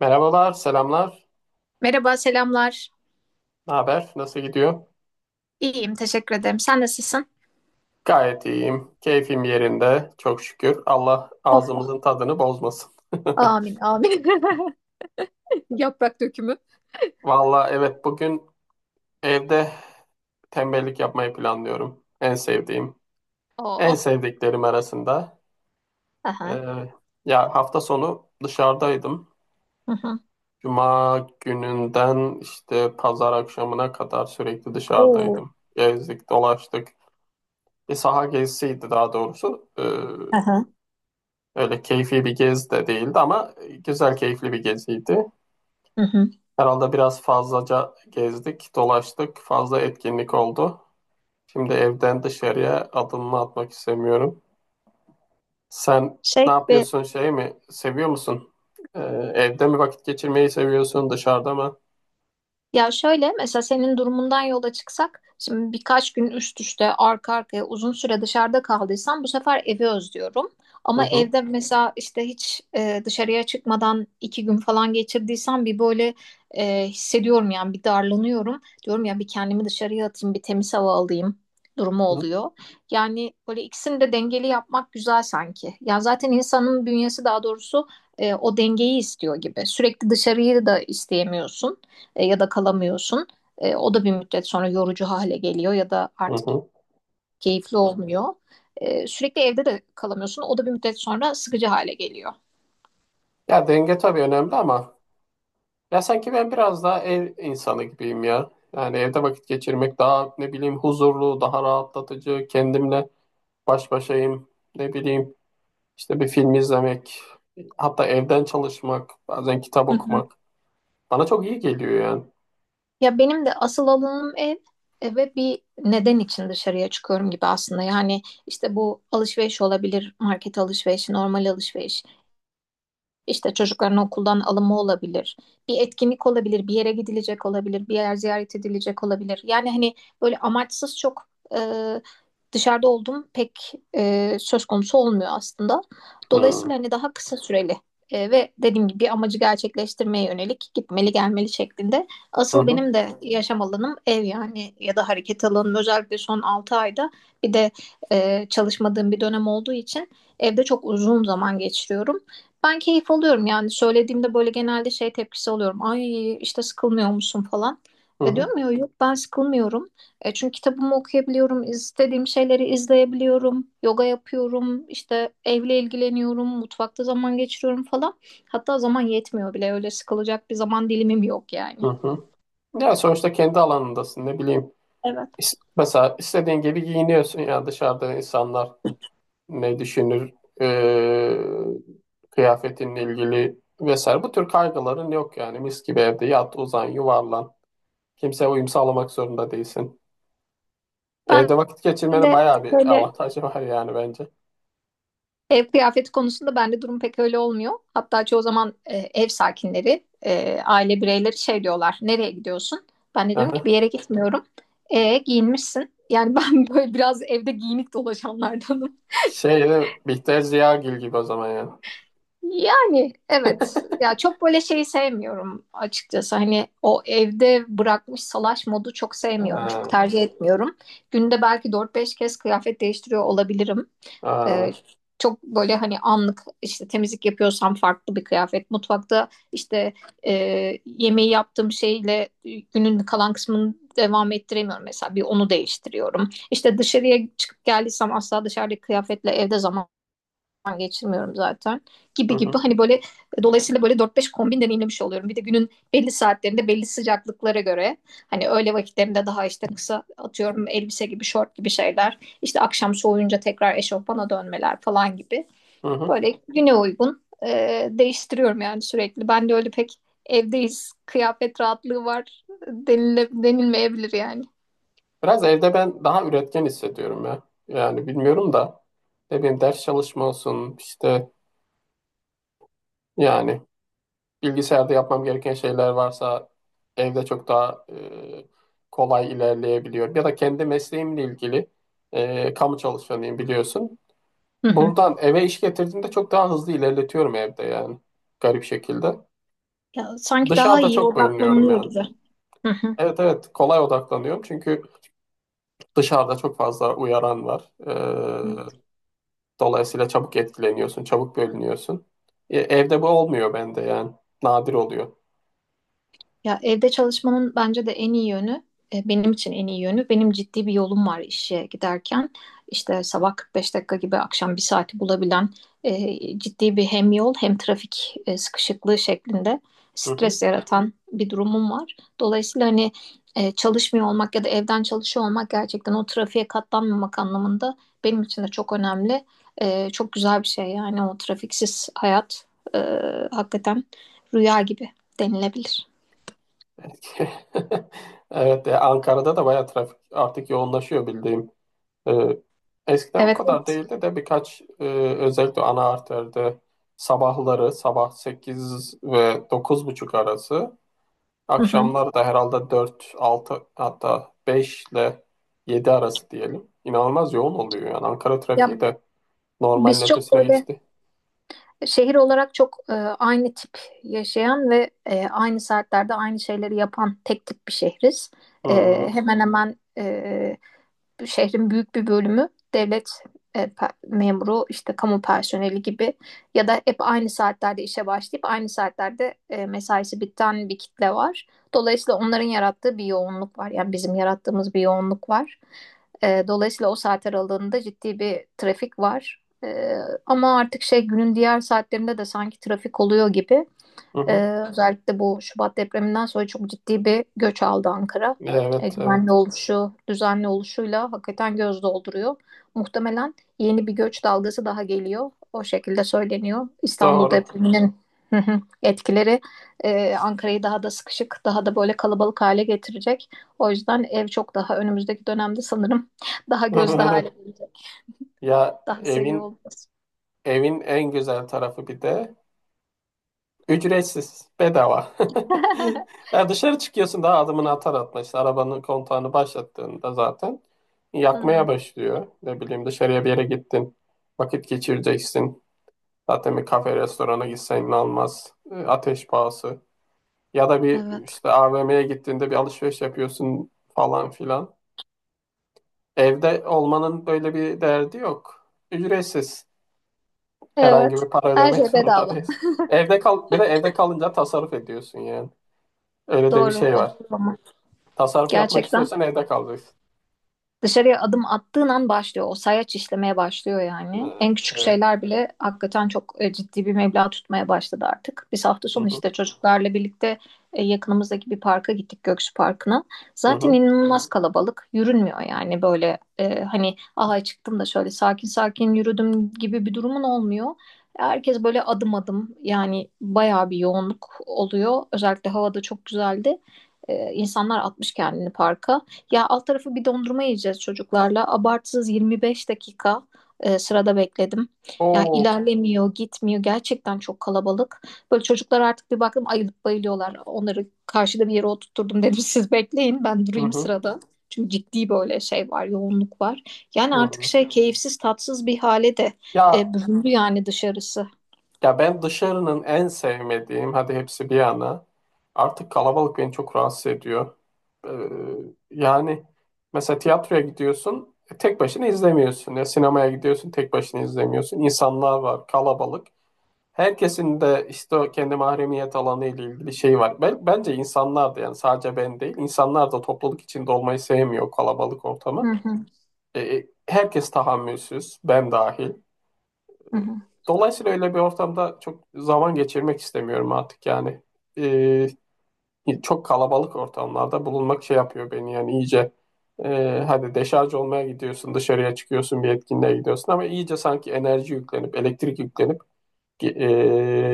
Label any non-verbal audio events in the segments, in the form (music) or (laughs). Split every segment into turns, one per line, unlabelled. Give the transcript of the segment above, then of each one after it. Merhabalar, selamlar.
Merhaba, selamlar.
Ne haber? Nasıl gidiyor?
İyiyim, teşekkür ederim. Sen nasılsın?
Gayet iyiyim. Keyfim yerinde. Çok şükür. Allah
Of, oh.
ağzımızın tadını bozmasın. (laughs)
Amin, amin. (laughs) Yaprak dökümü.
Valla evet bugün evde tembellik yapmayı planlıyorum. En sevdiğim.
Oh,
En
oh.
sevdiklerim arasında.
Aha.
Ee, ya hafta sonu dışarıdaydım.
Hı hı.
Cuma gününden işte pazar akşamına kadar sürekli
Oo.
dışarıdaydım. Gezdik, dolaştık. Bir saha gezisiydi daha doğrusu.
Aha.
Öyle keyfi bir gez de değildi ama güzel keyifli bir geziydi.
Hı hı.
Herhalde biraz fazlaca gezdik, dolaştık, fazla etkinlik oldu. Şimdi evden dışarıya adımımı atmak istemiyorum. Sen
Şey
ne
gibi
yapıyorsun, şey mi? Seviyor musun? Ee, evde mi vakit geçirmeyi seviyorsun, dışarıda mı?
Ya şöyle mesela senin durumundan yola çıksak şimdi birkaç gün üst üste arka arkaya uzun süre dışarıda kaldıysam bu sefer evi özlüyorum.
Hı
Ama
hı,
evde mesela işte hiç dışarıya çıkmadan 2 gün falan geçirdiysem bir böyle hissediyorum yani bir darlanıyorum. Diyorum ya bir kendimi dışarıya atayım bir temiz hava alayım durumu
hı
oluyor. Yani böyle ikisini de dengeli yapmak güzel sanki. Ya zaten insanın bünyesi daha doğrusu o dengeyi istiyor gibi. Sürekli dışarıyı da isteyemiyorsun ya da kalamıyorsun. O da bir müddet sonra yorucu hale geliyor ya da
hı,
artık
hı.
keyifli olmuyor. Sürekli evde de kalamıyorsun. O da bir müddet sonra sıkıcı hale geliyor.
Ya denge tabii önemli ama ya sanki ben biraz daha ev insanı gibiyim ya. Yani evde vakit geçirmek daha ne bileyim huzurlu, daha rahatlatıcı, kendimle baş başayım, ne bileyim işte bir film izlemek, hatta evden çalışmak, bazen kitap
Hı hı.
okumak bana çok iyi geliyor yani.
Ya benim de asıl alanım ev ve bir neden için dışarıya çıkıyorum gibi aslında. Yani işte bu alışveriş olabilir, market alışverişi, normal alışveriş. İşte çocukların okuldan alımı olabilir, bir etkinlik olabilir, bir yere gidilecek olabilir, bir yer ziyaret edilecek olabilir. Yani hani böyle amaçsız çok e, dışarıda olduğum pek söz konusu olmuyor aslında.
Hmm.
Dolayısıyla hani daha kısa süreli ve dediğim gibi bir amacı gerçekleştirmeye yönelik gitmeli gelmeli şeklinde.
Hı
Asıl
hı,
benim de yaşam alanım ev yani ya da hareket alanım özellikle son 6 ayda bir de çalışmadığım bir dönem olduğu için evde çok uzun zaman geçiriyorum. Ben keyif alıyorum yani söylediğimde böyle genelde şey tepkisi alıyorum. Ay işte sıkılmıyor musun falan.
hı
E
hı,
diyorum ya yok ben sıkılmıyorum. Çünkü kitabımı okuyabiliyorum, istediğim şeyleri izleyebiliyorum, yoga yapıyorum, işte evle ilgileniyorum, mutfakta zaman geçiriyorum falan. Hatta zaman yetmiyor bile öyle sıkılacak bir zaman dilimim yok
hı
yani.
hı. Ya sonuçta kendi alanındasın ne bileyim.
Evet.
Mesela istediğin gibi giyiniyorsun ya dışarıda insanlar ne düşünür, ee, kıyafetinle ilgili vesaire. Bu tür kaygıların yok yani mis gibi evde yat, uzan, yuvarlan. Kimseye uyum sağlamak zorunda değilsin.
Ben
Evde vakit geçirmenin
de
bayağı bir
böyle
avantajı (laughs) var yani bence.
Ev kıyafeti konusunda bende durum pek öyle olmuyor. Hatta çoğu zaman ev sakinleri, aile bireyleri şey diyorlar, nereye gidiyorsun? Ben de diyorum ki
Aha.
bir yere gitmiyorum. Giyinmişsin. Yani ben (laughs) böyle biraz evde giyinik dolaşanlardanım.
Şey de Bihter Ziyagil gibi o zaman yani.
Yani evet, ya çok böyle şeyi sevmiyorum açıkçası. Hani o evde bırakmış salaş modu çok sevmiyorum, çok
Aa,
tercih etmiyorum. Günde belki dört beş kez kıyafet değiştiriyor olabilirim.
aa.
Ee, çok böyle hani anlık işte temizlik yapıyorsam farklı bir kıyafet. Mutfakta işte e, yemeği yaptığım şeyle günün kalan kısmını devam ettiremiyorum mesela bir onu değiştiriyorum. İşte dışarıya çıkıp geldiysem asla dışarıdaki kıyafetle evde zaman geçirmiyorum zaten
Hı
gibi gibi
hı,
hani böyle dolayısıyla böyle dört beş kombin deneyimlemiş oluyorum. Bir de günün belli saatlerinde belli sıcaklıklara göre hani öğle vakitlerinde daha işte kısa atıyorum elbise gibi şort gibi şeyler işte akşam soğuyunca tekrar eşofmana dönmeler falan gibi
hı hı.
böyle güne uygun değiştiriyorum yani sürekli. Ben de öyle pek evdeyiz kıyafet rahatlığı var denile, denilmeyebilir yani.
Biraz evde ben daha üretken hissediyorum ya. Yani bilmiyorum da ne bileyim ders çalışma olsun işte yani bilgisayarda yapmam gereken şeyler varsa evde çok daha kolay ilerleyebiliyorum. Ya da kendi mesleğimle ilgili kamu çalışanıyım biliyorsun.
Hı hı.
Buradan eve iş getirdiğimde çok daha hızlı ilerletiyorum evde yani garip şekilde.
Ya sanki daha
Dışarıda
iyi
çok bölünüyorum
odaklanılıyor
yani.
gibi. Hı hı.
Evet, evet, kolay odaklanıyorum çünkü dışarıda çok fazla uyaran var. Dolayısıyla çabuk etkileniyorsun, çabuk bölünüyorsun. Evde bu olmuyor bende yani nadir oluyor.
Ya evde çalışmanın bence de en iyi yönü, benim için en iyi yönü, benim ciddi bir yolum var işe giderken. İşte sabah 45 dakika gibi akşam bir saati bulabilen ciddi bir hem yol hem trafik sıkışıklığı şeklinde
Hı hı.
stres yaratan bir durumum var. Dolayısıyla hani çalışmıyor olmak ya da evden çalışıyor olmak gerçekten o trafiğe katlanmamak anlamında benim için de çok önemli. Çok güzel bir şey yani o trafiksiz hayat e, hakikaten rüya gibi denilebilir.
(laughs) Evet, Ankara'da da bayağı trafik artık yoğunlaşıyor bildiğim. Ee, eskiden bu
Evet,
kadar
evet.
değildi de birkaç özellikle ana arterde sabahları sabah 8 ve 9.30 arası,
Hı hı.
akşamlar da herhalde 4 6, hatta 5 ile 7 arası diyelim. İnanılmaz yoğun oluyor yani. Ankara
Ya
trafiği de normalin
biz çok
ötesine
böyle
geçti.
Şehir olarak çok aynı tip yaşayan ve aynı saatlerde aynı şeyleri yapan tek tip bir şehriz. E,
Hmm,
hemen hemen şehrin büyük bir bölümü devlet memuru, işte kamu personeli gibi ya da hep aynı saatlerde işe başlayıp aynı saatlerde mesaisi biten bir kitle var. Dolayısıyla onların yarattığı bir yoğunluk var. Yani bizim yarattığımız bir yoğunluk var. Dolayısıyla o saat aralığında ciddi bir trafik var. Ee, ama artık şey günün diğer saatlerinde de sanki trafik oluyor gibi.
hı
Ee,
hı.
özellikle bu Şubat depreminden sonra çok ciddi bir göç aldı Ankara. Ee,
Evet,
güvenli
evet.
oluşu, düzenli oluşuyla hakikaten göz dolduruyor. Muhtemelen yeni bir göç dalgası daha geliyor. O şekilde söyleniyor. İstanbul
Doğru.
depreminin, hı hı, etkileri Ankara'yı daha da sıkışık, daha da böyle kalabalık hale getirecek. O yüzden ev çok daha önümüzdeki dönemde sanırım (laughs) daha gözde hale
(laughs)
gelecek.
Ya
Daha seviyor
evin
olacağız.
evin en güzel tarafı bir de ücretsiz, bedava. (laughs)
(laughs)
Ya dışarı çıkıyorsun daha adımını atar atmaz. İşte arabanın kontağını başlattığında zaten
Hı
yakmaya
hı.
başlıyor. Ne bileyim dışarıya bir yere gittin, vakit geçireceksin. Zaten bir kafe restorana gitsen almaz. Ateş pahası. Ya da bir
Evet.
işte AVM'ye gittiğinde bir alışveriş yapıyorsun falan filan. Evde olmanın böyle bir derdi yok. Ücretsiz. Herhangi
Evet.
bir para
Her
ödemek (laughs)
şey
zorunda
bedava.
değilsin. Evde kal, bir de evde kalınca tasarruf ediyorsun yani. Öyle de bir
Doğru.
şey
O
var.
doğru ama.
Tasarruf yapmak
Gerçekten.
istiyorsan evde kalacaksın.
Dışarıya adım attığın an başlıyor. O sayaç işlemeye başlıyor yani.
Ee,
En küçük
Evet.
şeyler bile hakikaten çok ciddi bir meblağ tutmaya başladı artık. Biz hafta
Hı
sonu
hı.
işte çocuklarla birlikte yakınımızdaki bir parka gittik Göksu Parkı'na.
Hı
Zaten
hı.
inanılmaz kalabalık. Yürünmüyor yani böyle hani aha çıktım da şöyle sakin sakin yürüdüm gibi bir durumun olmuyor. Herkes böyle adım adım yani bayağı bir yoğunluk oluyor. Özellikle havada çok güzeldi. E, insanlar atmış kendini parka. Ya alt tarafı bir dondurma yiyeceğiz çocuklarla. Abartsız 25 dakika sırada bekledim. Ya
Oo.
ilerlemiyor, gitmiyor. Gerçekten çok kalabalık. Böyle çocuklar artık bir baktım ayılıp bayılıyorlar. Onları karşıda bir yere oturtturdum dedim (laughs) siz bekleyin ben
Hı
durayım
hı.
sırada. Çünkü ciddi böyle şey var, yoğunluk var.
Hı
Yani artık
hı.
şey keyifsiz, tatsız bir hale de
Ya
büründü yani dışarısı.
Ya ben dışarının en sevmediğim, hadi hepsi bir yana. Artık kalabalık beni çok rahatsız ediyor. Ee, yani mesela tiyatroya gidiyorsun, tek başına izlemiyorsun. Ya sinemaya gidiyorsun, tek başına izlemiyorsun. İnsanlar var, kalabalık. Herkesin de işte o kendi mahremiyet alanı ile ilgili şey var. Ben, bence insanlar da yani sadece ben değil, insanlar da topluluk içinde olmayı sevmiyor kalabalık
Hı
ortamı.
hı,
Herkes tahammülsüz, ben dahil.
hı hı.
Dolayısıyla öyle bir ortamda çok zaman geçirmek istemiyorum artık yani. Ee, çok kalabalık ortamlarda bulunmak şey yapıyor beni yani iyice, hadi deşarj olmaya gidiyorsun, dışarıya çıkıyorsun, bir etkinliğe gidiyorsun ama iyice sanki enerji yüklenip, elektrik yüklenip ge-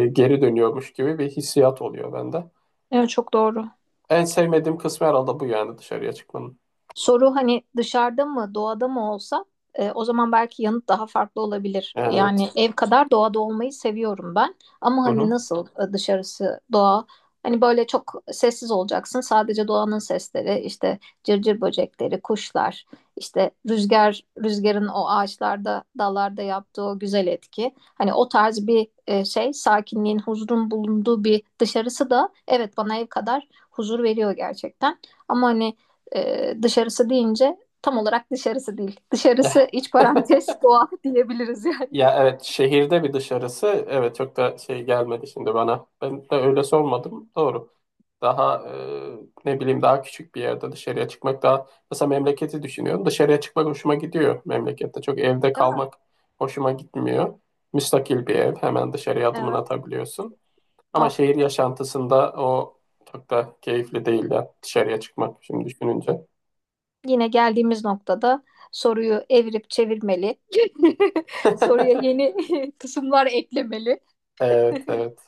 geri dönüyormuş gibi bir hissiyat oluyor bende.
Evet çok doğru.
En sevmediğim kısmı herhalde bu yani dışarıya çıkmanın.
Soru hani dışarıda mı, doğada mı olsa o zaman belki yanıt daha farklı olabilir. Yani
Evet.
ev kadar doğada olmayı seviyorum ben. Ama
Hı
hani
hı.
nasıl dışarısı doğa? Hani böyle çok sessiz olacaksın. Sadece doğanın sesleri, işte cırcır böcekleri, kuşlar, işte rüzgar, rüzgarın o ağaçlarda, dallarda yaptığı o güzel etki. Hani o tarz bir şey, sakinliğin, huzurun bulunduğu bir dışarısı da evet bana ev kadar huzur veriyor gerçekten. Ama hani dışarısı deyince tam olarak dışarısı değil. Dışarısı iç
(laughs)
parantez (laughs) doğa diyebiliriz yani.
Ya evet, şehirde bir dışarısı evet çok da şey gelmedi şimdi bana. Ben de öyle sormadım. Doğru. Daha ne bileyim daha küçük bir yerde dışarıya çıkmak daha, mesela memleketi düşünüyorum. Dışarıya çıkmak hoşuma gidiyor memlekette. Çok evde
Değil mi?
kalmak hoşuma gitmiyor. Müstakil bir ev, hemen dışarıya adımını
Evet.
atabiliyorsun. Ama
Ah,
şehir yaşantısında o çok da keyifli değil ya dışarıya çıkmak şimdi düşününce.
yine geldiğimiz noktada soruyu evirip çevirmeli. (laughs) Soruya yeni
(laughs)
(laughs) kısımlar eklemeli.
Evet, evet.